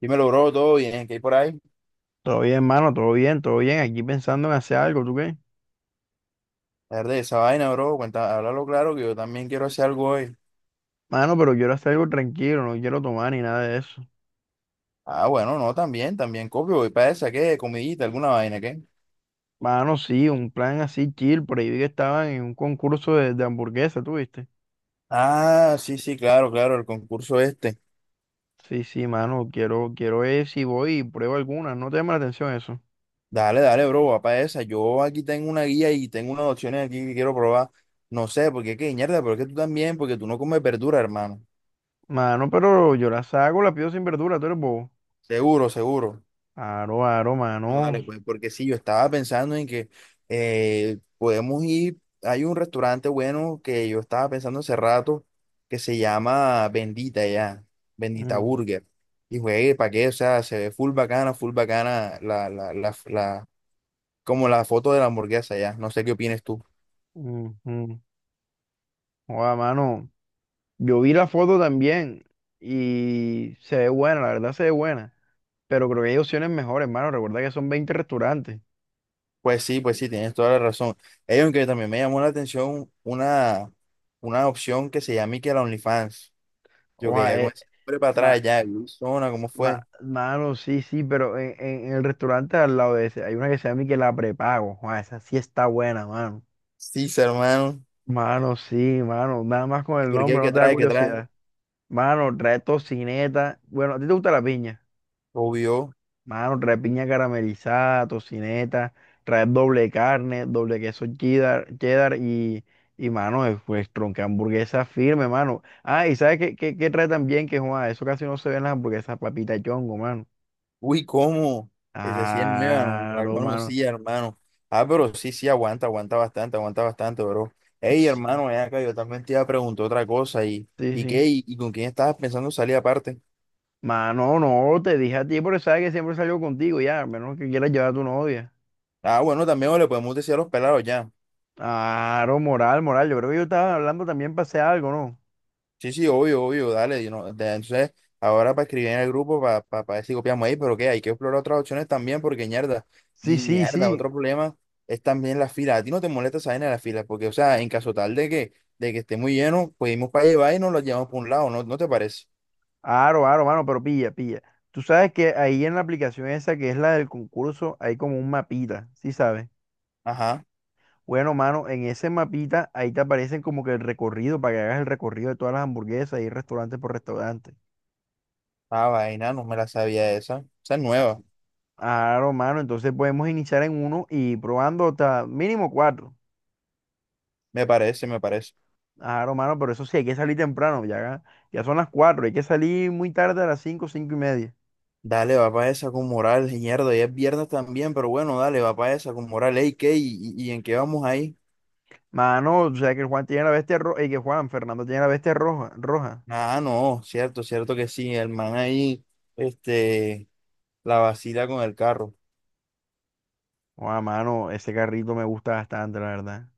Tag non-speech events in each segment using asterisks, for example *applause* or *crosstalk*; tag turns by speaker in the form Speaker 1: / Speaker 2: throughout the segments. Speaker 1: Dímelo, bro, todo bien, ¿qué hay por ahí?
Speaker 2: Todo bien, mano, todo bien, todo bien. Aquí pensando en hacer algo, ¿tú qué?
Speaker 1: Verde esa vaina, bro, cuenta, háblalo claro que yo también quiero hacer algo hoy.
Speaker 2: Mano, pero quiero hacer algo tranquilo, no quiero tomar ni nada de eso.
Speaker 1: Ah, bueno, no, también, también copio, voy para esa, ¿qué? Comidita,
Speaker 2: Sí.
Speaker 1: alguna vaina, ¿qué?
Speaker 2: Mano, sí, un plan así chill, por ahí vi que estaban en un concurso de hamburguesa, ¿tú viste?
Speaker 1: Ah, sí, sí, claro, claro, el concurso este.
Speaker 2: Sí, sí, mano, quiero ver si voy y pruebo alguna, no te llama la atención eso.
Speaker 1: Dale, dale, bro, va para esa. Yo aquí tengo una guía y tengo unas opciones aquí que quiero probar. No sé, porque qué, mierda, pero es que tú también, porque tú no comes verdura, hermano.
Speaker 2: Mano, pero yo las hago, las pido sin verdura, tú eres bobo.
Speaker 1: Seguro, seguro.
Speaker 2: Aro, aro,
Speaker 1: No, dale,
Speaker 2: mano.
Speaker 1: pues, porque sí, yo estaba pensando en que podemos ir, hay un restaurante bueno que yo estaba pensando hace rato que se llama Bendita
Speaker 2: Mm,
Speaker 1: Burger. Y juegue, ¿para qué? O sea, se ve full bacana como la foto de la hamburguesa ya. No sé qué opines tú.
Speaker 2: mm, mm. Joda, mano, yo vi la foto también y se ve buena, la verdad se ve buena. Pero creo que hay opciones mejores, mano. Recuerda que son 20 restaurantes.
Speaker 1: Pues sí, tienes toda la razón. Ellos aunque también me llamó la atención una opción que se llama y que la OnlyFans. Yo
Speaker 2: Oja,
Speaker 1: quería *laughs* con ese nombre para
Speaker 2: ma-
Speaker 1: atrás ya, Luisona, ¿cómo fue?
Speaker 2: mano, sí, sí, pero en el restaurante al lado de ese hay una que se llama que la prepago. Oja, esa sí está buena, mano.
Speaker 1: Sí, hermano.
Speaker 2: Mano, sí, mano. Nada más con el
Speaker 1: ¿Por qué?
Speaker 2: nombre, no
Speaker 1: ¿Qué
Speaker 2: te da
Speaker 1: trae? ¿Qué trae?
Speaker 2: curiosidad. Mano, trae tocineta. Bueno, ¿a ti te gusta la piña?
Speaker 1: Obvio.
Speaker 2: Mano, trae piña caramelizada, tocineta, trae doble carne, doble queso cheddar y mano, pues tronca hamburguesa firme, mano. Ah, y ¿sabes qué, trae también? Que, Juan, eso casi no se ve en las hamburguesas, papita chongo, mano.
Speaker 1: Uy, ¿cómo? Esa sí es nueva, no la
Speaker 2: Claro, mano.
Speaker 1: conocía, hermano. Ah, pero sí, sí, aguanta, aguanta bastante, bro. Ey, hermano, ven acá, yo también te iba a preguntar otra cosa. ¿Y,
Speaker 2: Sí,
Speaker 1: y
Speaker 2: sí.
Speaker 1: qué? ¿Y con quién estabas pensando salir aparte?
Speaker 2: Mano, no, te dije a ti, pero sabes que siempre salgo contigo, ya, a menos que quieras llevar a tu novia.
Speaker 1: Ah, bueno, también le podemos decir a los pelados ya.
Speaker 2: Claro, moral, moral. Yo creo que yo estaba hablando también, para hacer algo, ¿no?
Speaker 1: Sí, sí, obvio, obvio, dale. Entonces, ahora para escribir en el grupo, pa ver si copiamos ahí, pero qué, hay que explorar otras opciones también, porque ñerda,
Speaker 2: Sí,
Speaker 1: y
Speaker 2: sí,
Speaker 1: ñerda,
Speaker 2: sí.
Speaker 1: otro problema es también la fila. A ti no te molesta esa vaina de la fila, porque, o sea, en caso tal de que esté muy lleno, pues irnos para llevar y nos lo llevamos por un lado, ¿no te parece?
Speaker 2: Aro, aro, mano, pero pilla, pilla. Tú sabes que ahí en la aplicación esa que es la del concurso hay como un mapita, ¿sí sabes?
Speaker 1: Ajá,
Speaker 2: Bueno, mano, en ese mapita ahí te aparecen como que el recorrido para que hagas el recorrido de todas las hamburguesas y restaurante por restaurante.
Speaker 1: ah, vaina, no me la sabía esa. Esa es nueva,
Speaker 2: Aro, mano, entonces podemos iniciar en uno y probando hasta mínimo 4.
Speaker 1: me parece, me parece.
Speaker 2: Aro, mano, pero eso sí, hay que salir temprano, ya, ya son las 4, hay que salir muy tarde a las 5, 5:30.
Speaker 1: Dale, va para esa con moral, ñerda, ya es viernes también, pero bueno, dale, va para esa con moral, ey, ¿qué? ¿Y en qué vamos ahí?
Speaker 2: Mano, o sea que el Juan tiene la bestia roja, y que Juan, Fernando tiene la bestia roja, roja.
Speaker 1: Ah, no, cierto, cierto que sí. El man ahí, este, la vacila con el carro.
Speaker 2: Oh, mano, ese carrito me gusta bastante, la verdad.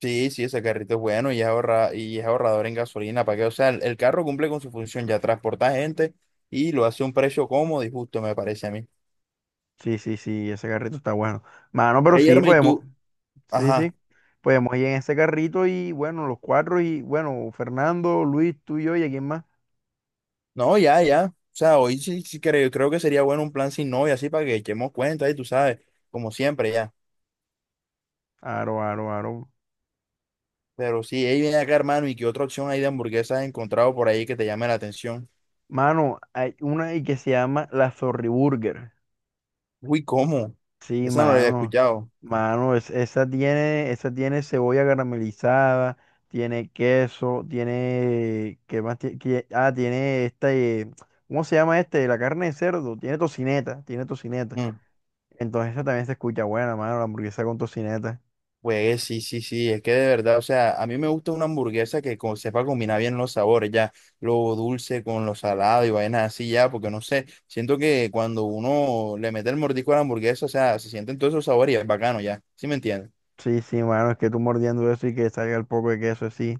Speaker 1: Sí, sí, ese carrito es bueno y es ahorrador en gasolina, ¿para que? O sea, el carro cumple con su función, ya transporta gente y lo hace a un precio cómodo y justo, me parece a mí.
Speaker 2: Sí, sí, sí, ese carrito está bueno. Mano, pero
Speaker 1: Ey,
Speaker 2: sí,
Speaker 1: Erma, y
Speaker 2: podemos,
Speaker 1: tú,
Speaker 2: sí,
Speaker 1: ajá,
Speaker 2: sí, podemos ir en ese carrito y bueno, los cuatro y bueno, Fernando, Luis, tú y yo y a quién más.
Speaker 1: no, ya, ya. O sea, hoy sí creo que sería bueno un plan sin novia, así para que echemos cuenta y tú sabes, como siempre, ya.
Speaker 2: Aro, aro, aro.
Speaker 1: Pero sí, ahí viene acá, hermano, y qué otra opción hay de hamburguesas has encontrado por ahí que te llame la atención.
Speaker 2: Mano, hay una ahí que se llama la Zorri Burger.
Speaker 1: Uy, ¿cómo?
Speaker 2: Sí,
Speaker 1: Esa no la había
Speaker 2: mano,
Speaker 1: escuchado.
Speaker 2: mano, esa tiene cebolla caramelizada, tiene queso, tiene, ¿qué más Ah, tiene esta, ¿cómo se llama este? La carne de cerdo, tiene tocineta, tiene tocineta.
Speaker 1: Mm,
Speaker 2: Entonces esa también se escucha buena, mano, la hamburguesa con tocineta.
Speaker 1: Pues sí, sí, sí, es que de verdad, o sea, a mí me gusta una hamburguesa que sepa combinar bien los sabores, ya, lo dulce con lo salado y vainas así, ya, porque no sé, siento que cuando uno le mete el mordisco a la hamburguesa, o sea, se sienten todos esos sabores y es bacano, ya, ¿sí me entiendes?
Speaker 2: Sí, sí, mano, es que tú mordiendo eso y que salga el poco de queso, sí.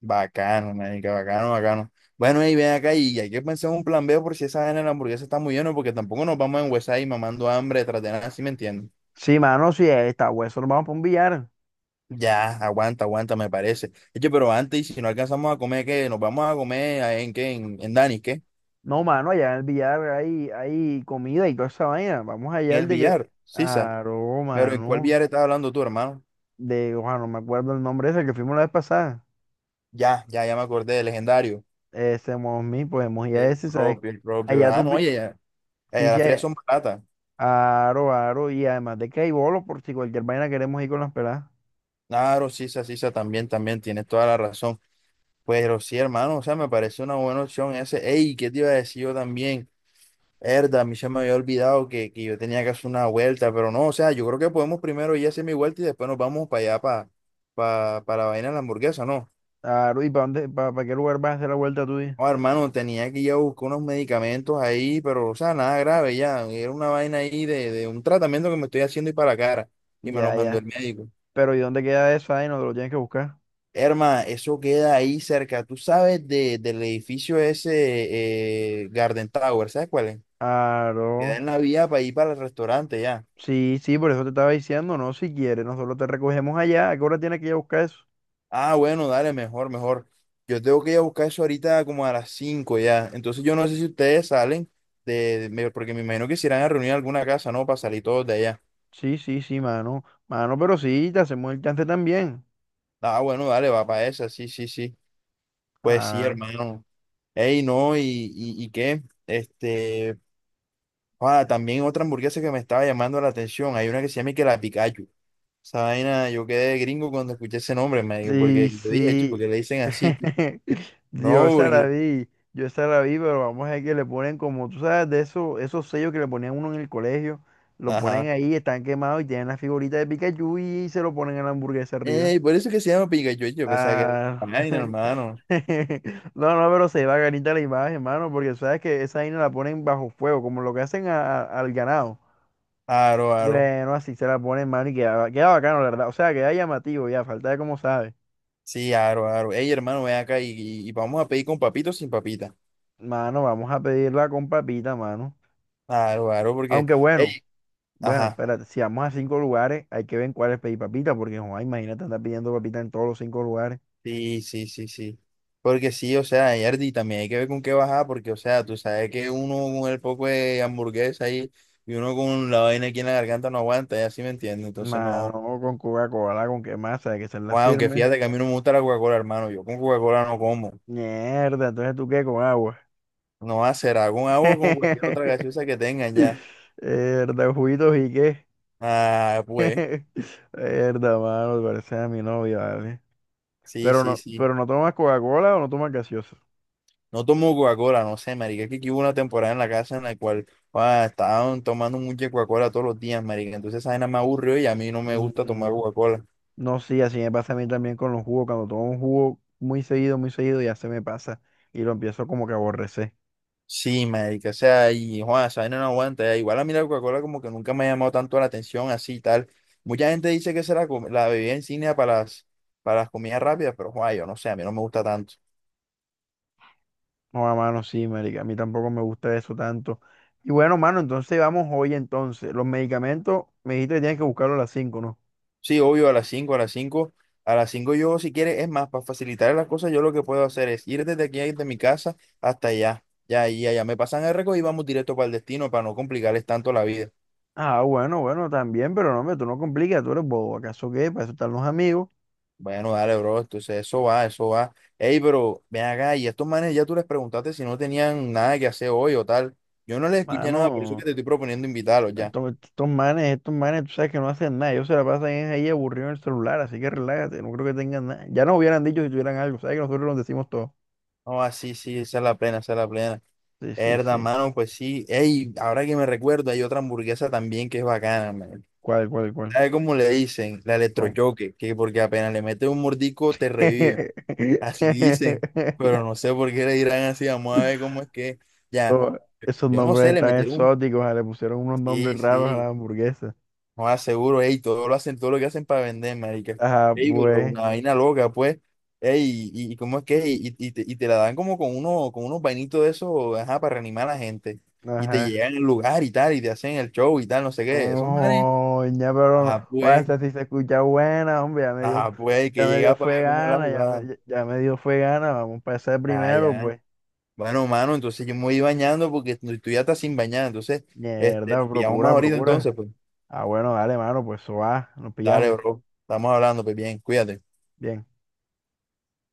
Speaker 1: Bacano, marica, bacano, bacano. Bueno, y ven acá y hay que pensar un plan B por si esa vaina de la hamburguesa está muy llena, porque tampoco nos vamos a enguesar y mamando hambre tras de nada, ¿sí me entiendes?
Speaker 2: Sí, mano, sí, está hueso, nos vamos para un billar.
Speaker 1: Ya, aguanta, aguanta, me parece. Oye, pero antes, y si no alcanzamos a comer, ¿qué? ¿Nos vamos a comer en qué? ¿En Dani, qué?
Speaker 2: No, mano, allá en el billar hay comida y toda esa vaina. Vamos allá
Speaker 1: En el
Speaker 2: al de
Speaker 1: billar,
Speaker 2: que
Speaker 1: Sisa.
Speaker 2: Aroma,
Speaker 1: Pero ¿en cuál
Speaker 2: ¿no?
Speaker 1: billar estás hablando tú, hermano?
Speaker 2: De, ojalá, no me acuerdo el nombre ese que fuimos la vez pasada.
Speaker 1: Ya, ya, ya me acordé, el legendario.
Speaker 2: Ese Mosmi, podemos ir a
Speaker 1: El
Speaker 2: ese, ¿sabes?
Speaker 1: propio, el
Speaker 2: Allá
Speaker 1: propio. Ah,
Speaker 2: tú,
Speaker 1: no, oye, ya. Ya,
Speaker 2: sí,
Speaker 1: ya
Speaker 2: sí,
Speaker 1: las frías
Speaker 2: allá.
Speaker 1: son baratas.
Speaker 2: Aro, aro, y además de que hay bolos por si cualquier vaina queremos ir con las peladas.
Speaker 1: Claro, Sisa, Sisa, también, también, tienes toda la razón. Pero sí, hermano, o sea, me parece una buena opción ese. Ey, ¿qué te iba a decir yo también? Verdad, a mí se me había olvidado que yo tenía que hacer una vuelta, pero no, o sea, yo creo que podemos primero ir a hacer mi vuelta y después nos vamos para allá, para la vaina de la hamburguesa, ¿no?
Speaker 2: Aro, ¿y para dónde, qué lugar vas a hacer la vuelta tuya?
Speaker 1: Oh, hermano, tenía que ir a buscar unos medicamentos ahí, pero, o sea, nada grave ya, era una vaina ahí de un tratamiento que me estoy haciendo y para la cara, y me los
Speaker 2: Ya,
Speaker 1: mandó
Speaker 2: ya.
Speaker 1: el médico.
Speaker 2: Pero ¿y dónde queda eso ahí? Nos lo tienes que buscar.
Speaker 1: Herma, eso queda ahí cerca, tú sabes del edificio ese, Garden Tower, ¿sabes cuál es?
Speaker 2: Aro.
Speaker 1: Queda en la vía para ir para el restaurante ya.
Speaker 2: Sí, sí, por eso te estaba diciendo, no, si quieres, nosotros te recogemos allá. ¿A qué hora tienes que ir a buscar eso?
Speaker 1: Ah, bueno, dale, mejor, mejor. Yo tengo que ir a buscar eso ahorita como a las 5 ya. Entonces yo no sé si ustedes salen porque me imagino que se irán a reunir en alguna casa, ¿no? Para salir todos de allá.
Speaker 2: Sí, sí, sí, mano. Mano, pero sí, te hacemos el chance también.
Speaker 1: Ah, bueno, dale, va para esa, sí, sí, sí. Pues sí,
Speaker 2: Ah,
Speaker 1: hermano. Ey, no, y qué, también otra hamburguesa que me estaba llamando la atención. Hay una que se llama y que la Pikachu. Esa vaina, yo quedé gringo cuando escuché ese nombre, me porque
Speaker 2: sí,
Speaker 1: yo dije, "Chu, ¿por
Speaker 2: sí.
Speaker 1: qué le dicen así?"
Speaker 2: *laughs* Yo
Speaker 1: No,
Speaker 2: esa la
Speaker 1: porque,
Speaker 2: vi, yo esa la vi, pero vamos a ver que le ponen como, tú sabes, de esos sellos que le ponían uno en el colegio, lo ponen
Speaker 1: ajá.
Speaker 2: ahí, están quemados y tienen la figurita de Pikachu y se lo ponen en la hamburguesa arriba.
Speaker 1: Ey, por eso es que se llama Pikachu, yo pensaba que era otra
Speaker 2: Ah,
Speaker 1: vaina,
Speaker 2: *laughs*
Speaker 1: hermano.
Speaker 2: no, no, pero se va ganita la imagen, hermano, porque sabes que esa vaina la ponen bajo fuego, como lo que hacen al ganado.
Speaker 1: Aro, aro.
Speaker 2: Bueno, así se la ponen, mano, y queda bacano, la verdad. O sea, queda llamativo, ya, falta de cómo sabe.
Speaker 1: Sí, aro, aro. Ey, hermano, ven acá y vamos a pedir con papito o sin papita.
Speaker 2: Mano, vamos a pedirla con papita, mano.
Speaker 1: Aro, aro, porque.
Speaker 2: Aunque bueno,
Speaker 1: Ey,
Speaker 2: bueno,
Speaker 1: ajá.
Speaker 2: espérate, si vamos a 5 lugares, hay que ver en cuáles pedir papita, porque joder, imagínate andar pidiendo papita en todos los 5 lugares.
Speaker 1: Sí, sí, sí, sí. Porque sí, o sea, Yardi, también hay que ver con qué bajar, porque, o sea, tú sabes que uno con el poco de hamburguesa ahí y uno con la vaina aquí en la garganta no aguanta, ya sí me entiende. Entonces, no.
Speaker 2: Mano, con Coca-Cola, ¿con qué masa? Hay que ser la
Speaker 1: Bueno, aunque
Speaker 2: firme.
Speaker 1: fíjate que a mí no me gusta la Coca-Cola, hermano. Yo con Coca-Cola no como.
Speaker 2: Mierda, entonces tú qué con agua.
Speaker 1: No va a ser, con agua o con cualquier otra
Speaker 2: *laughs*
Speaker 1: gaseosa que tengan ya.
Speaker 2: Mierda, juguitos y qué.
Speaker 1: Ah,
Speaker 2: *laughs*
Speaker 1: pues,
Speaker 2: Mierda, mano, parece a mi novia, ¿vale?
Speaker 1: sí, sí, sí.
Speaker 2: Pero no tomas Coca-Cola o no tomas gaseosa.
Speaker 1: No tomo Coca-Cola, no sé, marica. Es que aquí hubo una temporada en la casa en la cual estaban tomando mucha Coca-Cola todos los días, marica. Entonces esa vaina me aburrió y a mí no me gusta tomar
Speaker 2: Mm,
Speaker 1: Coca-Cola.
Speaker 2: No, sí, así me pasa a mí también con los jugos. Cuando tomo un jugo muy seguido, ya se me pasa y lo empiezo como que a aborrecer.
Speaker 1: Sí, marica, o sea, y Juan, esa vaina no aguanta, ya. Igual a mí la Coca-Cola como que nunca me ha llamado tanto la atención, así y tal. Mucha gente dice que será la bebida insignia para las comidas rápidas, pero Juan, yo no sé, a mí no me gusta tanto.
Speaker 2: No, a mano, sí, marica. A mí tampoco me gusta eso tanto. Y bueno, mano, entonces vamos hoy entonces. Los medicamentos, me dijiste que tienes que buscarlos a las 5, ¿no?
Speaker 1: Sí, obvio, a las 5 a las 5 A las 5 yo, si quieres, es más, para facilitar las cosas, yo lo que puedo hacer es ir desde aquí, desde mi casa hasta allá. Ya, y allá me pasan el récord y vamos directo para el destino para no complicarles tanto la vida.
Speaker 2: Ah, bueno, bueno, también, pero no, hombre, tú no complicas, tú eres bobo. ¿Acaso qué? Para eso están los amigos.
Speaker 1: Bueno, dale, bro, entonces eso va, eso va. Ey, pero ven acá, y a estos manes ya tú les preguntaste si no tenían nada que hacer hoy o tal. Yo no les escuché nada, por eso que
Speaker 2: Mano,
Speaker 1: te estoy proponiendo invitarlos ya.
Speaker 2: estos manes, estos manes, tú sabes que no hacen nada. Ellos se la pasan es ahí aburridos en el celular, así que relájate, no creo que tengan nada. Ya nos hubieran dicho si tuvieran algo, sabes que nosotros los decimos todo.
Speaker 1: Oh, sí, sí, esa es la plena, esa es la plena.
Speaker 2: Sí, sí,
Speaker 1: Herda,
Speaker 2: sí.
Speaker 1: mano, pues sí. Ey, ahora que me recuerdo, hay otra hamburguesa también que es bacana, man.
Speaker 2: ¿Cuál, cuál, cuál?
Speaker 1: ¿Sabe cómo le dicen? La
Speaker 2: ¿Cómo?
Speaker 1: electrochoque, que porque apenas le meten un mordico te revive. Así dicen, pero no
Speaker 2: *laughs*
Speaker 1: sé por qué le dirán así, vamos a ver cómo es que. Ya,
Speaker 2: Oh, esos
Speaker 1: yo no sé,
Speaker 2: nombres
Speaker 1: le
Speaker 2: tan
Speaker 1: metieron un.
Speaker 2: exóticos, le pusieron unos nombres
Speaker 1: Sí,
Speaker 2: raros a
Speaker 1: sí,
Speaker 2: la hamburguesa.
Speaker 1: no aseguro, ey, todo lo hacen, todo lo que hacen para vender, marica.
Speaker 2: Ajá,
Speaker 1: Ey, pero
Speaker 2: pues,
Speaker 1: una vaina loca, pues. Ey, y cómo es que, y te la dan como con uno, con unos vainitos de esos, ajá, para reanimar a la gente. Y te
Speaker 2: ajá.
Speaker 1: llegan al lugar y tal, y te hacen el show y tal, no sé qué. Esos manes,
Speaker 2: No, ya, pero no.
Speaker 1: ajá,
Speaker 2: Oye,
Speaker 1: pues.
Speaker 2: esta sí se escucha buena, hombre,
Speaker 1: Ah, pues hay
Speaker 2: ya
Speaker 1: que
Speaker 2: me dio
Speaker 1: llegar para
Speaker 2: fue
Speaker 1: ver cómo es la
Speaker 2: gana,
Speaker 1: jugada.
Speaker 2: ya me dio fue gana, vamos para ese
Speaker 1: Ah,
Speaker 2: primero,
Speaker 1: ya.
Speaker 2: pues.
Speaker 1: Bueno, mano, entonces yo me voy bañando porque tú ya estás sin bañar. Entonces,
Speaker 2: Mierda,
Speaker 1: nos pillamos más
Speaker 2: procura,
Speaker 1: ahorita entonces,
Speaker 2: procura.
Speaker 1: pues.
Speaker 2: Ah, bueno, dale, mano, pues eso va, nos
Speaker 1: Dale,
Speaker 2: pillamos.
Speaker 1: bro. Estamos hablando, pues bien, cuídate.
Speaker 2: Bien.